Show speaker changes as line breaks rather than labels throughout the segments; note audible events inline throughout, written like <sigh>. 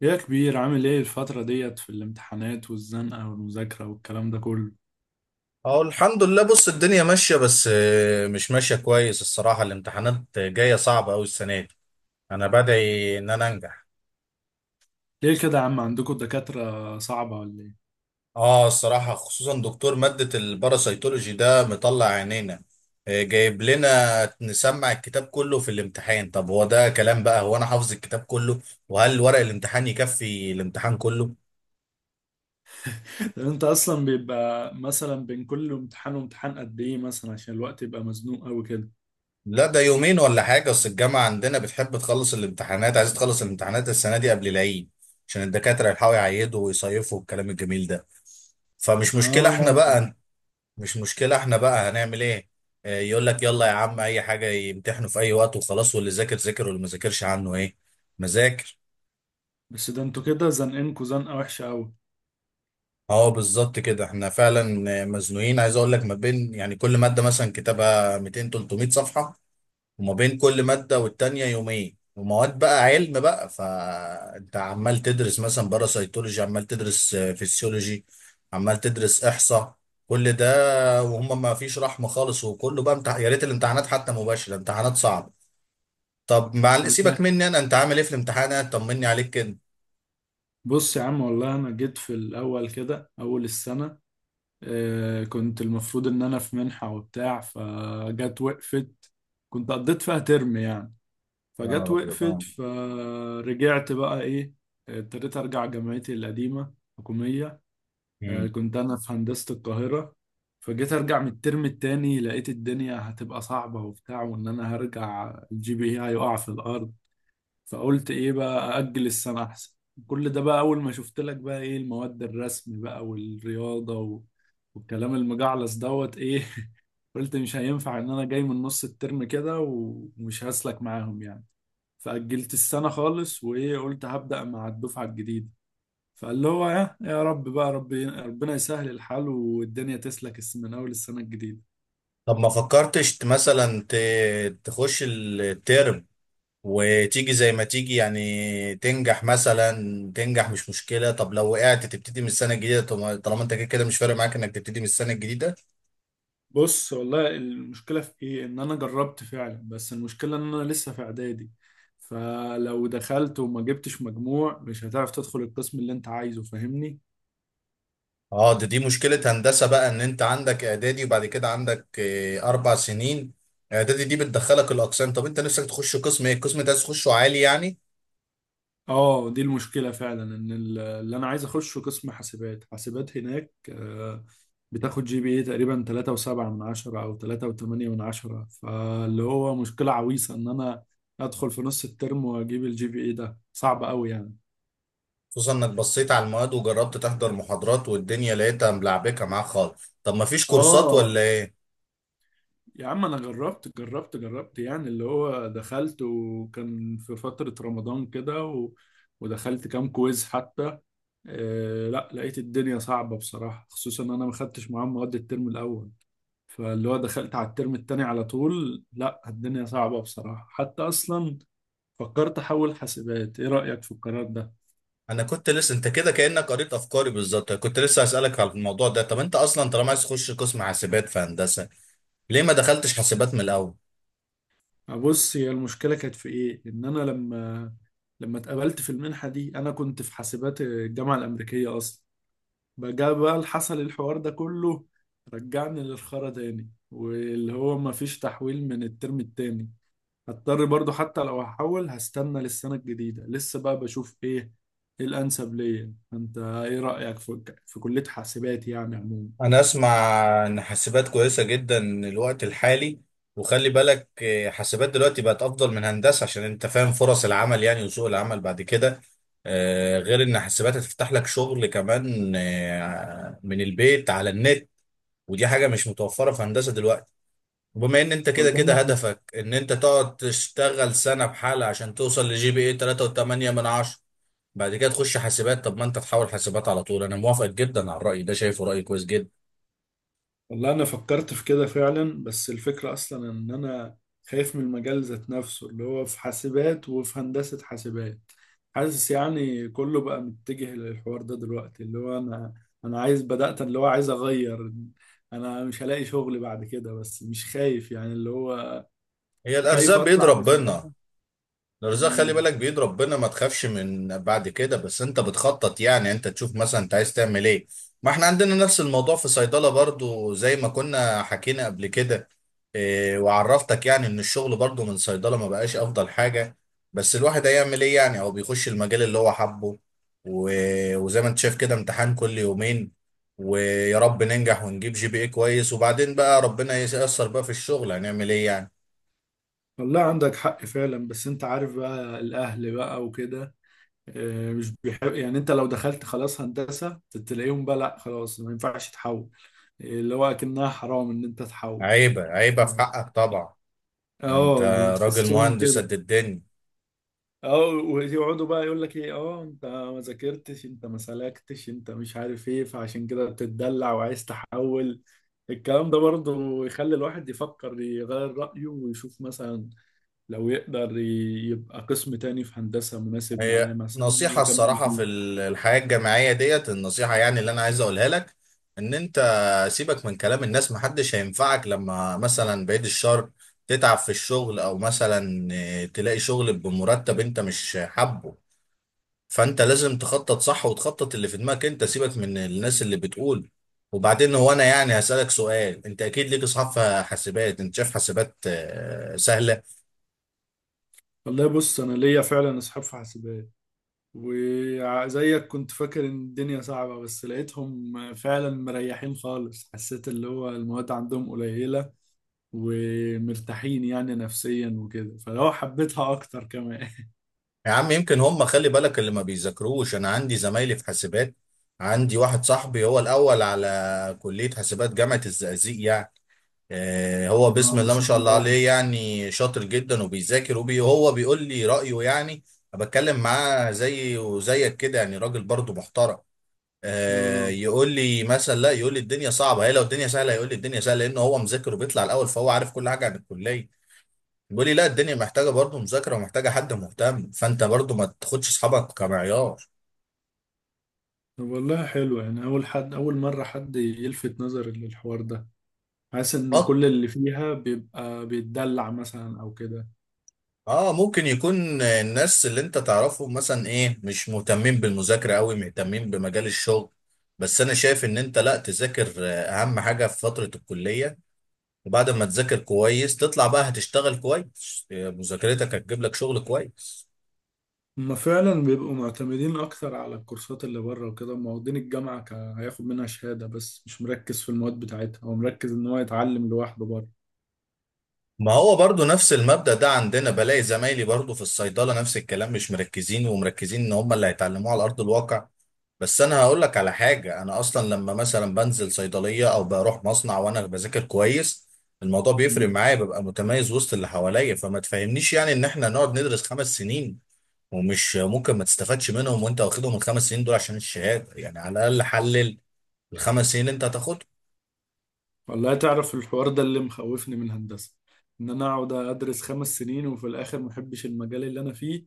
يا كبير، عامل ايه الفترة ديت في الامتحانات والزنقة والمذاكرة والكلام ده كله؟
اهو الحمد لله. بص، الدنيا ماشية، بس مش ماشية كويس الصراحة. الامتحانات جاية صعبة أوي السنة دي. أنا بدعي إن أنا أنجح.
ليه كده يا عم، عندكم دكاترة صعبة ولا ايه؟
آه الصراحة، خصوصا دكتور مادة الباراسيتولوجي ده مطلع عينينا. جايب لنا نسمع الكتاب كله في الامتحان. طب هو ده كلام بقى؟ هو أنا حافظ الكتاب كله؟ وهل ورق الامتحان يكفي الامتحان كله؟
<laughs> طب انت اصلا بيبقى مثلا بين كل امتحان وامتحان قد ايه؟ مثلا عشان الوقت يبقى مزنوق قوي كده.
لا ده يومين ولا حاجة، أصل الجامعة عندنا بتحب تخلص الامتحانات، عايز تخلص الامتحانات السنة دي قبل العيد عشان الدكاترة يلحقوا يعيدوا ويصيفوا والكلام الجميل ده. فمش مشكلة احنا
اه،
بقى. مش مشكلة احنا بقى، هنعمل ايه؟ يقول لك يلا يا عم، أي حاجة، يمتحنوا في أي وقت وخلاص، واللي ذاكر ذاكر واللي ما ذاكرش عنه ايه؟ مذاكر.
بس ده انتوا كده زنقينكوا زنقة وحشة قوي.
اه بالظبط كده، احنا فعلا مزنوقين. عايز اقول لك، ما بين يعني كل مادة مثلا كتابها 200 300 صفحة، وما بين كل مادة والتانية يومين، ومواد بقى علم بقى، فانت عمال تدرس مثلا باراسيتولوجي، عمال تدرس فيسيولوجي، عمال تدرس احصاء. كل ده، وهم ما فيش رحمة خالص، وكله بقى يا ريت الامتحانات حتى مباشرة، امتحانات صعبة. طب مع
والله،
سيبك مني انا، انت عامل ايه في الامتحانات؟ طمني عليك كده.
بص يا عم، والله انا جيت في الاول كده اول السنة. كنت المفروض ان انا في منحة وبتاع، فجت وقفت. كنت قضيت فيها ترم يعني،
يا
فجت
نهار ابيض
وقفت
اه.
فرجعت بقى ايه، ابتديت ارجع جامعتي القديمه حكوميه.
مم.
كنت انا في هندسه القاهره. فجيت ارجع من الترم التاني، لقيت الدنيا هتبقى صعبه وبتاع، وان انا هرجع الجي بي اي هيقع في الارض. فقلت ايه بقى، اجل السنه احسن. كل ده بقى اول ما شفت لك بقى ايه المواد، الرسم بقى والرياضه والكلام المجعلص دوت ايه. <laughs> قلت مش هينفع ان انا جاي من نص الترم كده ومش هسلك معاهم يعني. فأجلت السنة خالص، وإيه، قلت هبدأ مع الدفعة الجديدة. فقال له هو يا رب بقى، ربي ربنا يسهل الحال والدنيا تسلك من أول السنة الجديدة.
طب ما فكرتش تخش الترم وتيجي زي ما تيجي، يعني تنجح مثلا. تنجح مش مشكلة، طب لو وقعت تبتدي من السنة الجديدة، طالما انت كده كده مش فارق معاك انك تبتدي من السنة الجديدة.
بص والله المشكلة في إيه؟ إن أنا جربت فعلا، بس المشكلة إن أنا لسه في إعدادي. فلو دخلت وما جبتش مجموع مش هتعرف تدخل القسم اللي أنت عايزه، فاهمني؟
اه ده دي مشكلة هندسة بقى، ان انت عندك اعدادي، وبعد كده عندك اربع سنين. اعدادي دي بتدخلك الاقسام. طب انت نفسك تخش قسم ايه؟ القسم ده عايز تخشه عالي يعني؟
اه، دي المشكلة فعلا، ان اللي انا عايز اخشه قسم حاسبات. حاسبات هناك بتاخد جي بي اي تقريبا 3.7 من عشرة او 3.8 من عشرة. فاللي هو مشكلة عويصة ان انا ادخل في نص الترم واجيب الجي بي اي ده صعب قوي يعني.
خصوصا انك بصيت على المواد وجربت تحضر محاضرات والدنيا لقيتها ملعبكة معاك خالص، طب ما فيش كورسات
اه،
ولا ايه؟
يا عم انا جربت جربت جربت، يعني اللي هو دخلت وكان في فترة رمضان كده ودخلت كام كويز حتى. لا، لقيت الدنيا صعبة بصراحة، خصوصا ان انا ما خدتش معاهم مواد الترم الاول. فاللي هو دخلت على الترم التاني على طول، لا الدنيا صعبة بصراحة حتى. أصلا فكرت أحول حاسبات، إيه رأيك في القرار ده؟
انا كنت لسه، انت كده كانك قريت افكاري بالظبط، كنت لسه اسالك على الموضوع ده. طب انت اصلا طالما عايز تخش قسم حاسبات في هندسه، ليه ما دخلتش حاسبات من الاول؟
بص، هي المشكلة كانت في إيه؟ إن أنا لما اتقبلت في المنحة دي، أنا كنت في حاسبات الجامعة الأمريكية أصلا. بقى اللي حصل الحوار ده كله رجعني للخرا تاني، واللي هو مفيش تحويل من الترم التاني. هضطر برضو حتى لو هحول هستنى للسنة الجديدة، لسه بقى بشوف ايه ايه الانسب ليا. انت ايه رأيك في كلية حاسبات يعني عموما؟
انا اسمع ان حاسبات كويسه جدا الوقت الحالي، وخلي بالك حاسبات دلوقتي بقت افضل من هندسه، عشان انت فاهم فرص العمل يعني وسوق العمل بعد كده. غير ان حاسبات هتفتح لك شغل كمان من البيت على النت، ودي حاجه مش متوفره في هندسه دلوقتي. وبما ان انت كده كده
والله،
هدفك ان انت تقعد تشتغل سنة بحالة عشان توصل لجي بي اي 3.8 من 10، بعد كده تخش حاسبات. طب ما انت تحاول حاسبات على طول، انا موافق جدا على الرأي ده، شايفه رأي كويس جدا.
والله انا فكرت في كده فعلا، بس الفكرة اصلا ان انا خايف من المجال ذات نفسه اللي هو في حاسبات وفي هندسة حاسبات. حاسس يعني كله بقى متجه للحوار ده دلوقتي، اللي هو انا عايز، بدأت اللي هو عايز اغير. انا مش هلاقي شغل بعد كده بس مش خايف يعني، اللي هو
هي الارزاق
خايف
بيد
اطلع
ربنا.
بصراحة.
الرزاق خلي
مم.
بالك بيد ربنا، ما تخافش من بعد كده، بس انت بتخطط يعني، انت تشوف مثلا انت عايز تعمل ايه. ما احنا عندنا نفس الموضوع في صيدلة برضو زي ما كنا حكينا قبل كده. اه، وعرفتك يعني ان الشغل برضو من صيدلة ما بقاش افضل حاجة، بس الواحد هيعمل ايه؟ يعني هو بيخش المجال اللي هو حبه. وزي ما انت شايف كده، امتحان كل يومين، ويا رب ننجح ونجيب جي بي اي كويس، وبعدين بقى ربنا ييسر بقى في الشغل، هنعمل ايه يعني.
والله عندك حق فعلا، بس انت عارف بقى الاهل بقى وكده. مش بيحب، يعني انت لو دخلت خلاص هندسة تلاقيهم بقى لا، خلاص ما ينفعش تحول. اللي هو اكنها حرام ان انت تحول.
عيبة عيبة في
اه،
حقك طبعا. انت راجل
بتحسهم
مهندس
كده.
قد الدنيا.
اه، ويقعدوا بقى يقول لك ايه، اه انت ما ذاكرتش، انت ما سلكتش، انت مش عارف ايه، فعشان كده بتتدلع وعايز تحول. الكلام ده برضه يخلي الواحد يفكر يغير رأيه ويشوف مثلا لو يقدر يبقى قسم تاني في هندسة مناسب معاه
هي
مثلا
نصيحة
ويكمل
الصراحة
فيه.
في الحياة الجامعية ديت، النصيحة يعني اللي أنا عايز أقولها لك، إن أنت سيبك من كلام الناس، محدش هينفعك لما مثلا، بعيد الشر، تتعب في الشغل أو مثلا تلاقي شغل بمرتب أنت مش حابه. فأنت لازم تخطط صح، وتخطط اللي في دماغك أنت، سيبك من الناس اللي بتقول. وبعدين هو أنا يعني هسألك سؤال، أنت أكيد ليك أصحاب في حاسبات، أنت شايف حاسبات سهلة؟
والله بص، أنا ليا فعلا أصحاب في حاسبات، وزيك كنت فاكر إن الدنيا صعبة، بس لقيتهم فعلا مريحين خالص. حسيت اللي هو المواد عندهم قليلة ومرتاحين يعني نفسيا وكده، فلو حبيتها أكتر كمان.
يا عم يمكن هم، خلي بالك اللي ما بيذاكروش. انا عندي زمايلي في حاسبات. عندي واحد صاحبي هو الاول على كلية حاسبات جامعة الزقازيق يعني. آه هو
اه
بسم
ما
الله ما
شاء
شاء الله
الله.
عليه، يعني شاطر جدا وبيذاكر هو بيقول لي رأيه يعني. أنا بتكلم معاه زي وزيك كده، يعني راجل برضه محترم. آه
اه،
يقول لي مثلا، لا يقول لي الدنيا صعبة، هي لو الدنيا سهلة يقول لي الدنيا سهلة، لأنه هو مذاكر وبيطلع الأول، فهو عارف كل حاجة عن الكلية. بيقول لي لا الدنيا محتاجه برضه مذاكره ومحتاجه حد مهتم، فانت برضه ما تاخدش اصحابك كمعيار.
طب والله حلو، يعني أول حد، أول مرة حد يلفت نظري للحوار ده. حاسس ان
اه.
كل اللي فيها بيبقى بيتدلع مثلا او كده.
اه، ممكن يكون الناس اللي انت تعرفهم مثلا ايه، مش مهتمين بالمذاكره قوي، مهتمين بمجال الشغل. بس انا شايف ان انت لا، تذاكر اهم حاجه في فتره الكليه. وبعد ما تذاكر كويس تطلع بقى هتشتغل كويس، مذاكرتك هتجيب لك شغل كويس.
هما فعلا بيبقوا معتمدين اكتر على الكورسات اللي بره وكده، هما واخدين الجامعه هياخد منها شهاده بس مش مركز في المواد بتاعتها، هو مركز ان هو يتعلم لوحده بره.
ما هو برضو نفس المبدأ ده عندنا، بلاقي زمايلي برضو في الصيدلة نفس الكلام، مش مركزين، ومركزين ان هم اللي هيتعلموه على أرض الواقع. بس انا هقول لك على حاجة، انا اصلا لما مثلا بنزل صيدلية او بروح مصنع وانا بذاكر كويس، الموضوع بيفرق
مم.
معايا، ببقى متميز وسط اللي حواليا. فما تفهمنيش يعني ان احنا نقعد ندرس 5 سنين ومش ممكن ما تستفادش منهم، وانت واخدهم الـ 5 سنين دول عشان الشهادة يعني، على الاقل حلل الـ 5 سنين اللي انت هتاخدهم.
والله تعرف الحوار ده اللي مخوفني من هندسه، ان انا اقعد ادرس 5 سنين وفي الاخر محبش المجال اللي انا فيه،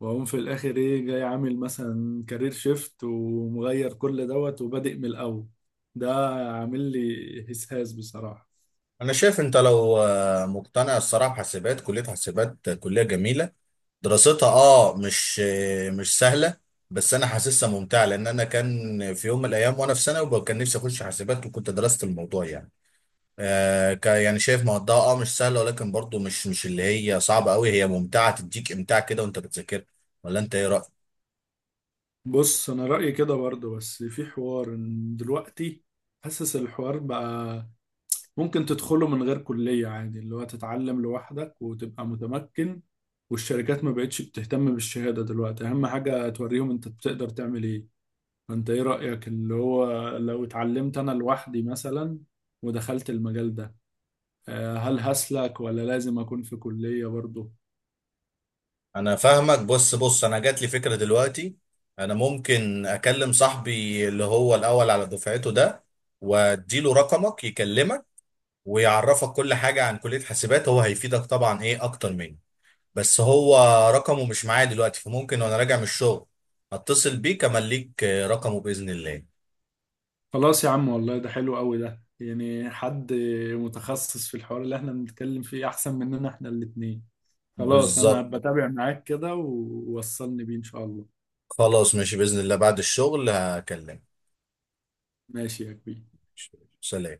واقوم في الاخر ايه، جاي عامل مثلا كارير شيفت ومغير كل دوت وبادئ من الاول. ده عامل لي هسهاس بصراحه.
انا شايف انت لو مقتنع الصراحه، حاسبات كليه، حاسبات كليه جميله، دراستها اه مش مش سهله، بس انا حاسسها ممتعه. لان انا كان في يوم من الايام وانا في ثانوي، وكان نفسي اخش حاسبات وكنت درست الموضوع يعني. آه يعني شايف مواد اه مش سهله، ولكن برضو مش اللي هي صعبه قوي، هي ممتعه، تديك امتاع كده وانت بتذاكر. ولا انت ايه رايك؟
بص، انا رايي كده برضه، بس في حوار إن دلوقتي حاسس الحوار بقى ممكن تدخله من غير كليه عادي، اللي هو تتعلم لوحدك وتبقى متمكن. والشركات ما بقتش بتهتم بالشهاده دلوقتي، اهم حاجه توريهم انت بتقدر تعمل ايه. فانت ايه رايك اللي هو لو اتعلمت انا لوحدي مثلا ودخلت المجال ده، هل هسلك ولا لازم اكون في كليه برضه؟
انا فاهمك. بص بص، انا جات لي فكره دلوقتي، انا ممكن اكلم صاحبي اللي هو الاول على دفعته ده، واديله رقمك يكلمك، ويعرفك كل حاجه عن كليه حاسبات، هو هيفيدك طبعا ايه اكتر مني. بس هو رقمه مش معايا دلوقتي، فممكن وانا راجع من الشغل اتصل بيك، امليك رقمه باذن الله.
خلاص يا عم، والله ده حلو قوي، ده يعني حد متخصص في الحوار اللي احنا بنتكلم فيه احسن مننا احنا الاتنين. خلاص انا
بالظبط.
بتابع معاك كده، ووصلني بيه ان شاء الله.
خلاص ماشي باذن الله، بعد الشغل هكلمك.
ماشي يا كبير.
سلام.